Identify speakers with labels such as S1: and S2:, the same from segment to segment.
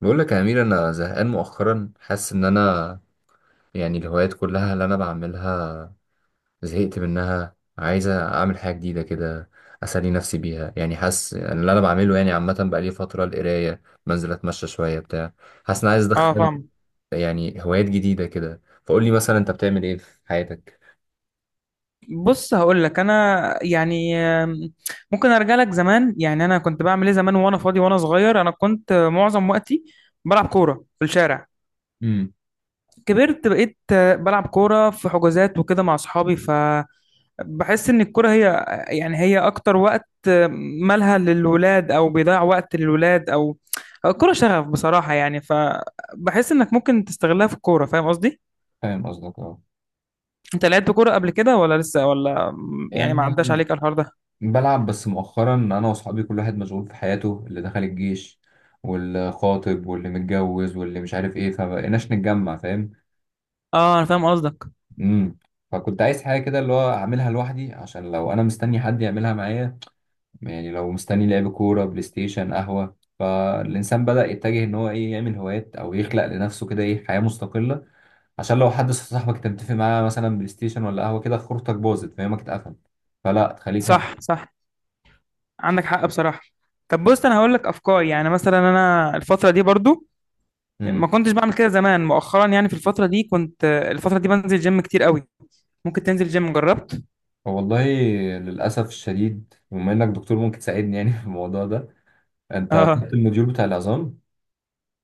S1: بقول لك يا أمير، أنا زهقان مؤخرا. حاسس إن أنا الهوايات كلها اللي أنا بعملها زهقت منها، عايزة أعمل حاجة جديدة كده أسلي نفسي بيها. يعني حاسس إن اللي أنا بعمله يعني عامة بقالي فترة القراية، بنزل أتمشى شوية بتاع. حاسس إن أنا عايز
S2: اه،
S1: أدخل
S2: فاهم.
S1: يعني هوايات جديدة كده. فقول لي مثلا أنت بتعمل إيه في حياتك؟
S2: بص هقول لك انا يعني ممكن ارجع لك زمان. يعني انا كنت بعمل ايه زمان وانا فاضي وانا صغير. انا كنت معظم وقتي بلعب كوره في الشارع.
S1: امم.
S2: كبرت بقيت بلعب كوره في حجوزات وكده مع اصحابي. فبحس ان الكوره هي يعني هي اكتر وقت، مالها للولاد او بيضيع وقت للولاد، او أو الكوره شغف بصراحه. يعني فبحس انك ممكن تستغلها في الكوره، فاهم قصدي؟
S1: فاهم قصدك، اه.
S2: انت لعبت كوره قبل كده ولا لسه ولا يعني؟ ما
S1: يعني
S2: عداش عليك الحوار ده.
S1: بلعب، بس مؤخرا انا واصحابي كل واحد مشغول في حياته، اللي دخل الجيش واللي خاطب واللي متجوز واللي مش عارف ايه، فمبقيناش نتجمع، فاهم.
S2: اه، انا فاهم قصدك.
S1: امم. فكنت عايز حاجه كده اللي هو اعملها لوحدي، عشان لو انا مستني حد يعملها معايا، يعني لو مستني لعب كوره، بلاي ستيشن، قهوه، فالانسان بدأ يتجه ان هو ايه يعمل هوايات او يخلق لنفسه كده ايه حياه مستقله. عشان لو حد صاحبك انت متفق معاه مثلا بلاي ستيشن ولا قهوه كده خروجتك باظت، فاهمك، اتقفل فلا، تخليك
S2: صح، صح، عندك حق بصراحه. طب بص، انا هقول لك افكار. يعني مثلا انا الفتره دي برضو
S1: معاه.
S2: ما كنتش بعمل كده زمان. مؤخرا يعني في الفتره دي كنت الفتره دي بنزل جيم كتير قوي. ممكن تنزل جيم. جربت؟
S1: والله للأسف الشديد، بما إنك دكتور ممكن تساعدني يعني في الموضوع ده. أنت
S2: اه.
S1: خدت الموديول بتاع العظام.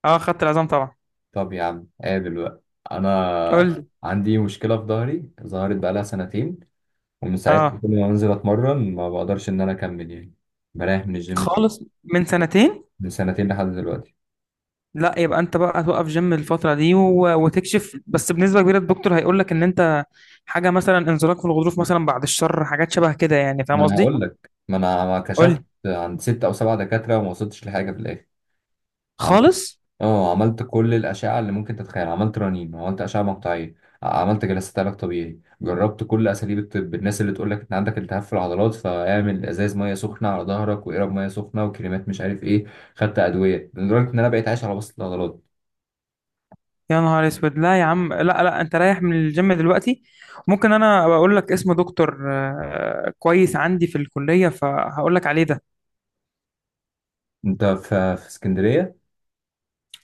S2: اه، خدت العظام طبعا.
S1: طب يا عم قابل بقى.
S2: قول
S1: أنا
S2: لي.
S1: عندي مشكلة في ظهري، ظهرت بقالها سنتين، ومن ساعتها
S2: اه.
S1: كل ما بنزل أتمرن ما بقدرش إن أنا أكمل يعني. بريح من الجيم دي.
S2: خالص. من سنتين؟
S1: من سنتين لحد دلوقتي.
S2: لا، يبقى انت بقى توقف جيم الفتره دي وتكشف. بس بنسبه كبيره الدكتور هيقول لك ان انت حاجه مثلا انزلاق في الغضروف مثلا، بعد الشر، حاجات شبه كده. يعني فاهم
S1: ما أنا
S2: قصدي؟
S1: هقول لك، ما أنا
S2: قول
S1: كشفت
S2: لي.
S1: عند ست أو سبعة دكاترة وما وصلتش لحاجة في الآخر.
S2: خالص.
S1: اه، عملت كل الأشعة اللي ممكن تتخيل، عملت رنين، عملت أشعة مقطعية، عملت جلسات علاج طبيعي، جربت كل أساليب الطب. الناس اللي تقول لك أنت عندك التهاب في العضلات فاعمل إزاز مية سخنة على ظهرك، وإقرب مية سخنة، وكريمات مش عارف إيه. خدت أدوية لدرجة إن أنا بقيت عايش على بسط العضلات.
S2: يا نهار اسود! لا يا عم، لا لا، انت رايح من الجيم دلوقتي. ممكن انا بقول لك اسم دكتور كويس عندي في الكلية، فهقول لك عليه ده.
S1: أنت في اسكندرية؟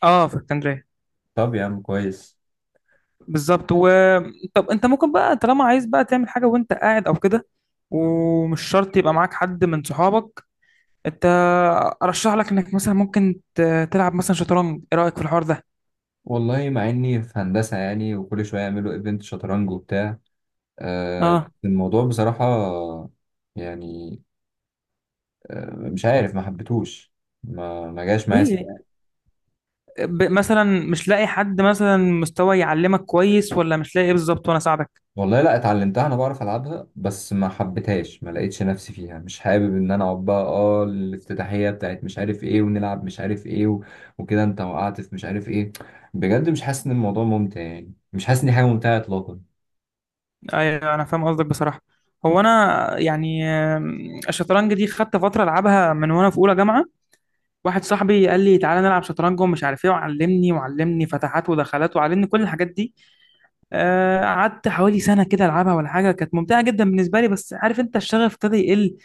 S2: اه، في اسكندرية
S1: طب يا عم كويس.
S2: بالظبط. و طب انت ممكن بقى طالما عايز بقى تعمل حاجة وانت قاعد او كده، ومش شرط يبقى معاك حد من صحابك. انت ارشح لك انك مثلا ممكن تلعب مثلا شطرنج. ايه رأيك في الحوار ده؟
S1: والله مع إني في هندسة يعني، وكل شوية يعملوا إيفنت شطرنج وبتاع.
S2: اه.
S1: الموضوع بصراحة يعني مش عارف، ما حبيتهوش، ما جاش معايا.
S2: ليه؟ مثلا مش لاقي حد مثلا مستوى يعلمك كويس، ولا مش لاقي ايه بالظبط وانا اساعدك؟
S1: والله لا، اتعلمتها، انا بعرف العبها، بس ما حبيتهاش، ما لقيتش نفسي فيها. مش حابب ان انا اقعد بقى اه الافتتاحيه بتاعت مش عارف ايه، ونلعب مش عارف ايه وكده انت وقعت في مش عارف ايه. بجد مش حاسس ان الموضوع ممتع، يعني مش حاسس ان دي حاجه ممتعه اطلاقا.
S2: ايوه انا فاهم قصدك بصراحه. هو انا يعني الشطرنج دي خدت فتره العبها من وانا في اولى جامعه. واحد صاحبي قال لي تعالى نلعب شطرنج ومش عارف ايه، وعلمني وعلمني فتحات ودخلات، وعلمني كل الحاجات دي. قعدت حوالي سنه كده العبها ولا حاجه. كانت ممتعه جدا بالنسبه لي، بس عارف انت الشغف ابتدى يقل.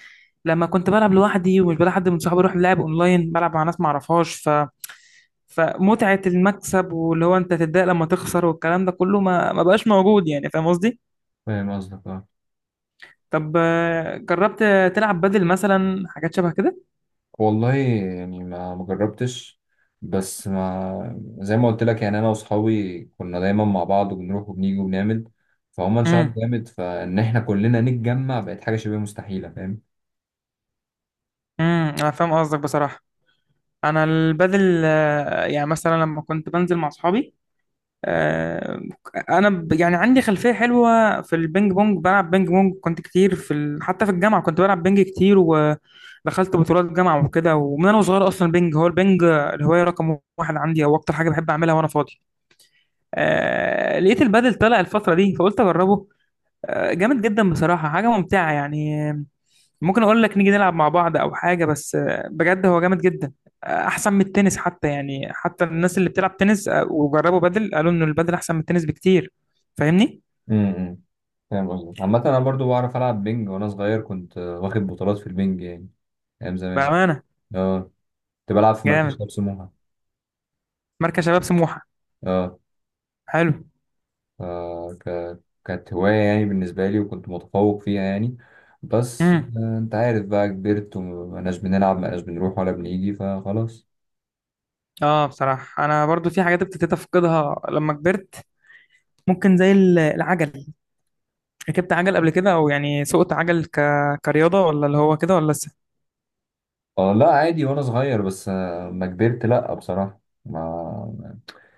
S2: لما كنت بلعب لوحدي ومش بلاقي حد من صحابي اروح لعب اونلاين، بلعب مع ناس ما اعرفهاش ف فمتعه المكسب واللي هو انت تتضايق لما تخسر والكلام ده كله ما بقاش موجود. يعني فاهم قصدي؟
S1: فاهم قصدك، اه.
S2: طب جربت تلعب بدل مثلا، حاجات شبه كده؟
S1: والله يعني ما جربتش، بس ما زي ما قلت لك يعني انا واصحابي كنا دايما مع بعض وبنروح وبنيجي وبنعمل، فهم انشغلوا
S2: امم.
S1: جامد، فان احنا كلنا نتجمع بقت حاجه شبه مستحيله، فاهم.
S2: امم، انا فاهم قصدك بصراحه. انا البدل، يعني مثلا لما كنت بنزل مع اصحابي، آه، انا يعني عندي خلفيه حلوه في البينج بونج. بلعب بينج بونج كنت كتير في حتى في الجامعه كنت بلعب بينج كتير، ودخلت بطولات جامعه وكده. ومن انا صغير اصلا بينج، هو البينج الهوايه رقم واحد عندي، او اكتر حاجه بحب اعملها وانا فاضي. لقيت البدل طلع الفتره دي فقلت اجربه. جامد جدا بصراحه، حاجه ممتعه يعني. ممكن اقول لك نيجي نلعب مع بعض او حاجه. بس بجد هو جامد جدا. احسن من التنس حتى. يعني حتى الناس اللي بتلعب تنس وجربوا بدل قالوا ان البدل احسن من التنس بكتير. فاهمني؟
S1: امم. فاهم قصدك. عامة أنا برضو بعرف ألعب بينج، وأنا صغير كنت واخد بطولات في البينج يعني، أيام زمان.
S2: بامانه.
S1: أه، كنت بلعب في مركز
S2: جامد.
S1: شباب سموحة.
S2: مركز شباب سموحه.
S1: أه،
S2: حلو.
S1: آه، ك... كانت هواية يعني بالنسبة لي، وكنت متفوق فيها يعني، بس
S2: امم.
S1: أنت عارف بقى كبرت ومبقناش بنلعب، مبقناش بنروح ولا بنيجي، فخلاص.
S2: اه بصراحه، انا برضو في حاجات ابتديت افقدها لما كبرت. ممكن زي العجل. ركبت عجل قبل كده، او يعني سوقت عجل كرياضه ولا اللي هو كده ولا لسه
S1: أه لا عادي، وأنا صغير، بس ما كبرت لأ بصراحة، ما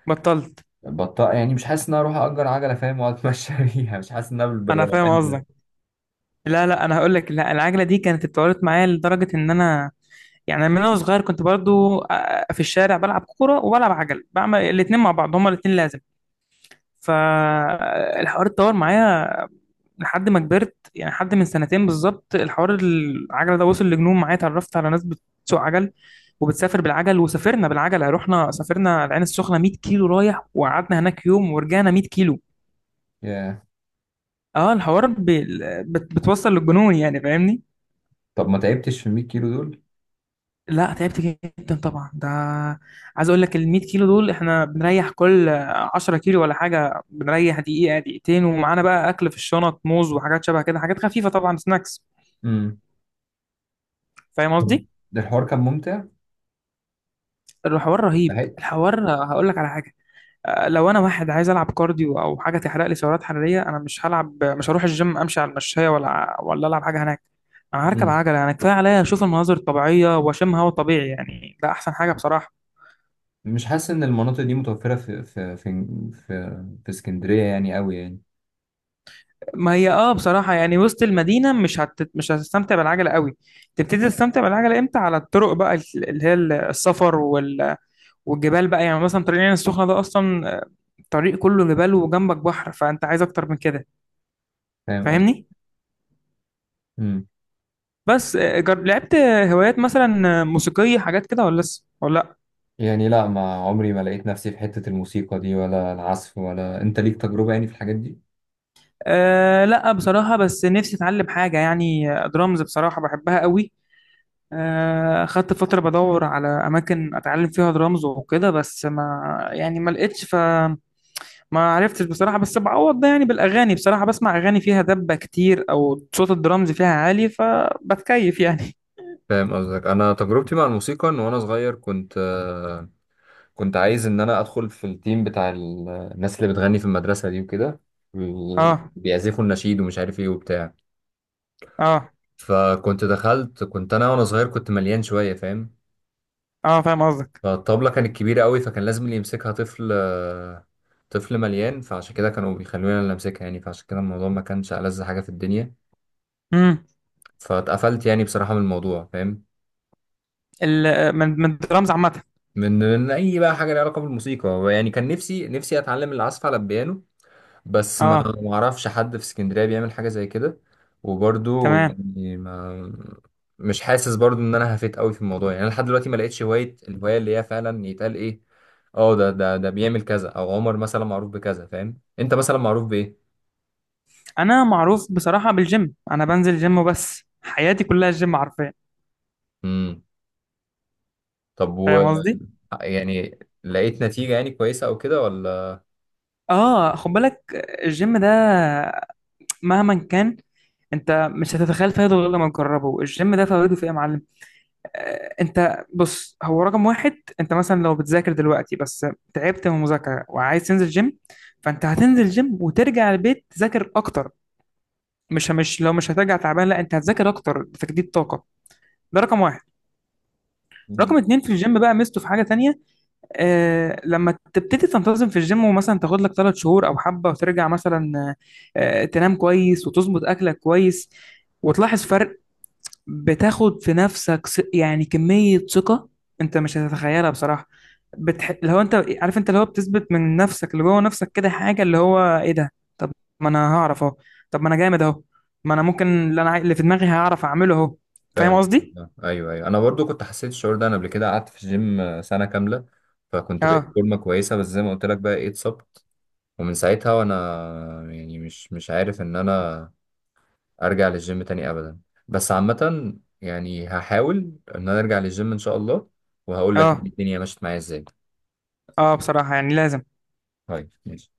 S2: بطلت؟
S1: بطأ. يعني مش حاسس إن أنا أروح أجر عجلة، فاهم، وأتمشى بيها. مش حاسس إن أنا
S2: انا فاهم
S1: بالروقان ده.
S2: قصدك. لا لا، انا هقول لك. لا العجله دي كانت اتطورت معايا لدرجه ان انا يعني من وانا صغير كنت برضو في الشارع بلعب كوره وبلعب عجل، بعمل الاتنين مع بعض، هما الاتنين لازم. فالحوار اتطور معايا لحد ما كبرت. يعني حد من سنتين بالظبط الحوار العجله ده وصل لجنون معايا. اتعرفت على ناس بتسوق عجل وبتسافر بالعجل، وسافرنا بالعجله. رحنا سافرنا العين السخنه 100 كيلو رايح، وقعدنا هناك يوم، ورجعنا 100 كيلو.
S1: ياه.
S2: اه الحوار بتوصل للجنون. يعني فاهمني؟
S1: طب ما تعبتش في 100 كيلو دول؟
S2: لا تعبت جدا طبعا. ده عايز اقول لك ال 100 كيلو دول احنا بنريح كل 10 كيلو ولا حاجه، بنريح دقيقه دقيقتين، ومعانا بقى اكل في الشنط، موز وحاجات شبه كده، حاجات خفيفه طبعا، سناكس. فاهم قصدي؟
S1: ده الحوار كان ممتع،
S2: الحوار رهيب.
S1: استحق.
S2: الحوار هقول لك على حاجه. لو انا واحد عايز العب كارديو او حاجه تحرق لي سعرات حراريه، انا مش هلعب، مش هروح الجيم امشي على المشايه ولا ولا العب حاجه هناك. انا هركب
S1: مم.
S2: عجله. انا كفايه عليا اشوف المناظر الطبيعيه واشم هواء طبيعي. يعني ده احسن حاجه بصراحه.
S1: مش حاسس ان المناطق دي متوفره في اسكندريه يعني، قوي يعني.
S2: ما هي اه بصراحة يعني وسط المدينة مش هتستمتع بالعجلة قوي. تبتدي تستمتع بالعجلة امتى؟ على الطرق بقى، اللي هي السفر والجبال بقى. يعني مثلا طريق العين السخنة ده أصلا طريق كله جبال وجنبك بحر، فأنت عايز أكتر من كده؟
S1: فاهم قصدي.
S2: فاهمني؟
S1: مم.
S2: بس لعبت هوايات مثلا موسيقية، حاجات كده ولا لسه؟ ولا لأ؟
S1: يعني لا، ما عمري ما لقيت نفسي في حته الموسيقى دي ولا العزف. ولا انت ليك تجربه يعني في الحاجات دي؟
S2: أه لا بصراحة. بس نفسي أتعلم حاجة. يعني درامز بصراحة بحبها قوي. خدت فترة بدور على أماكن أتعلم فيها درامز وكده، بس ما يعني ما لقيتش، فما عرفتش بصراحة. بس بعوض ده يعني بالأغاني. بصراحة بسمع أغاني فيها دبة كتير، أو صوت الدرامز فيها عالي، فبتكيف يعني.
S1: فاهم قصدك. انا تجربتي مع الموسيقى ان وانا صغير كنت كنت عايز ان انا ادخل في التيم بتاع الناس اللي بتغني في المدرسه دي وكده، وال-
S2: اه.
S1: بيعزفوا النشيد ومش عارف ايه وبتاع.
S2: اه.
S1: فكنت دخلت، كنت انا وانا صغير كنت مليان شويه، فاهم.
S2: اه فاهم قصدك.
S1: فالطبلة كانت كبيرة قوي، فكان لازم اللي يمسكها طفل طفل مليان، فعشان كده كانوا بيخلوني اللي امسكها يعني. فعشان كده الموضوع ما كانش ألذ حاجة في الدنيا،
S2: امم.
S1: فاتقفلت يعني بصراحة من الموضوع، فاهم.
S2: من الدرامز عامة.
S1: من اي بقى حاجة ليها علاقة بالموسيقى يعني. كان نفسي، نفسي اتعلم العزف على البيانو، بس ما
S2: اه.
S1: ما اعرفش حد في اسكندرية بيعمل حاجة زي كده، وبرضو
S2: تمام.
S1: يعني ما، مش حاسس برضو ان انا هفيت قوي في الموضوع. يعني انا لحد دلوقتي ما لقيتش هواية، الهواية اللي هي فعلا يتقال ايه، اه ده بيعمل كذا، او عمر مثلا معروف بكذا، فاهم، انت مثلا معروف بايه.
S2: أنا معروف بصراحة بالجيم. أنا بنزل جيم وبس، حياتي كلها الجيم حرفيا.
S1: امم. طب و،
S2: فاهم قصدي؟
S1: يعني لقيت نتيجة يعني كويسة او كده ولا؟
S2: اه خد بالك، الجيم ده مهما كان، انت مش هتتخيل فايده غير لما تجربه. الجيم ده فايده في ايه يا معلم؟ انت بص، هو رقم واحد، انت مثلا لو بتذاكر دلوقتي بس تعبت من المذاكره وعايز تنزل جيم، فانت هتنزل جيم وترجع البيت تذاكر اكتر. مش لو مش هترجع تعبان، لا انت هتذاكر اكتر، تجديد طاقه. ده رقم واحد.
S1: مم.
S2: رقم اتنين في الجيم بقى ميزته في حاجه تانية. آه لما تبتدي تنتظم في الجيم ومثلا تاخد لك ثلاث شهور او حبه وترجع مثلا، تنام كويس وتظبط اكلك كويس وتلاحظ فرق. بتاخد في نفسك يعني كمية ثقة انت مش هتتخيلها بصراحة. لو انت عارف، انت اللي هو بتثبت من نفسك، اللي جوه نفسك كده حاجة اللي هو ايه ده؟ طب ما انا هعرف اهو. طب ما انا جامد اهو. ما انا ممكن اللي انا اللي في دماغي هعرف اعمله اهو. فاهم
S1: فاهم
S2: قصدي؟
S1: قصدك. ايوه ايوه، انا برضو كنت حسيت الشعور ده، انا قبل كده قعدت في الجيم سنة كاملة، فكنت بقيت
S2: اه.
S1: فورمة كويسة، بس زي ما قلت لك بقى ايه، اتصبت، ومن ساعتها وانا يعني مش عارف ان انا ارجع للجيم تاني ابدا. بس عامة يعني هحاول ان انا ارجع للجيم ان شاء الله، وهقول لك يعني
S2: اه.
S1: الدنيا مشيت معايا ازاي.
S2: اه بصراحة يعني لازم.
S1: طيب ماشي.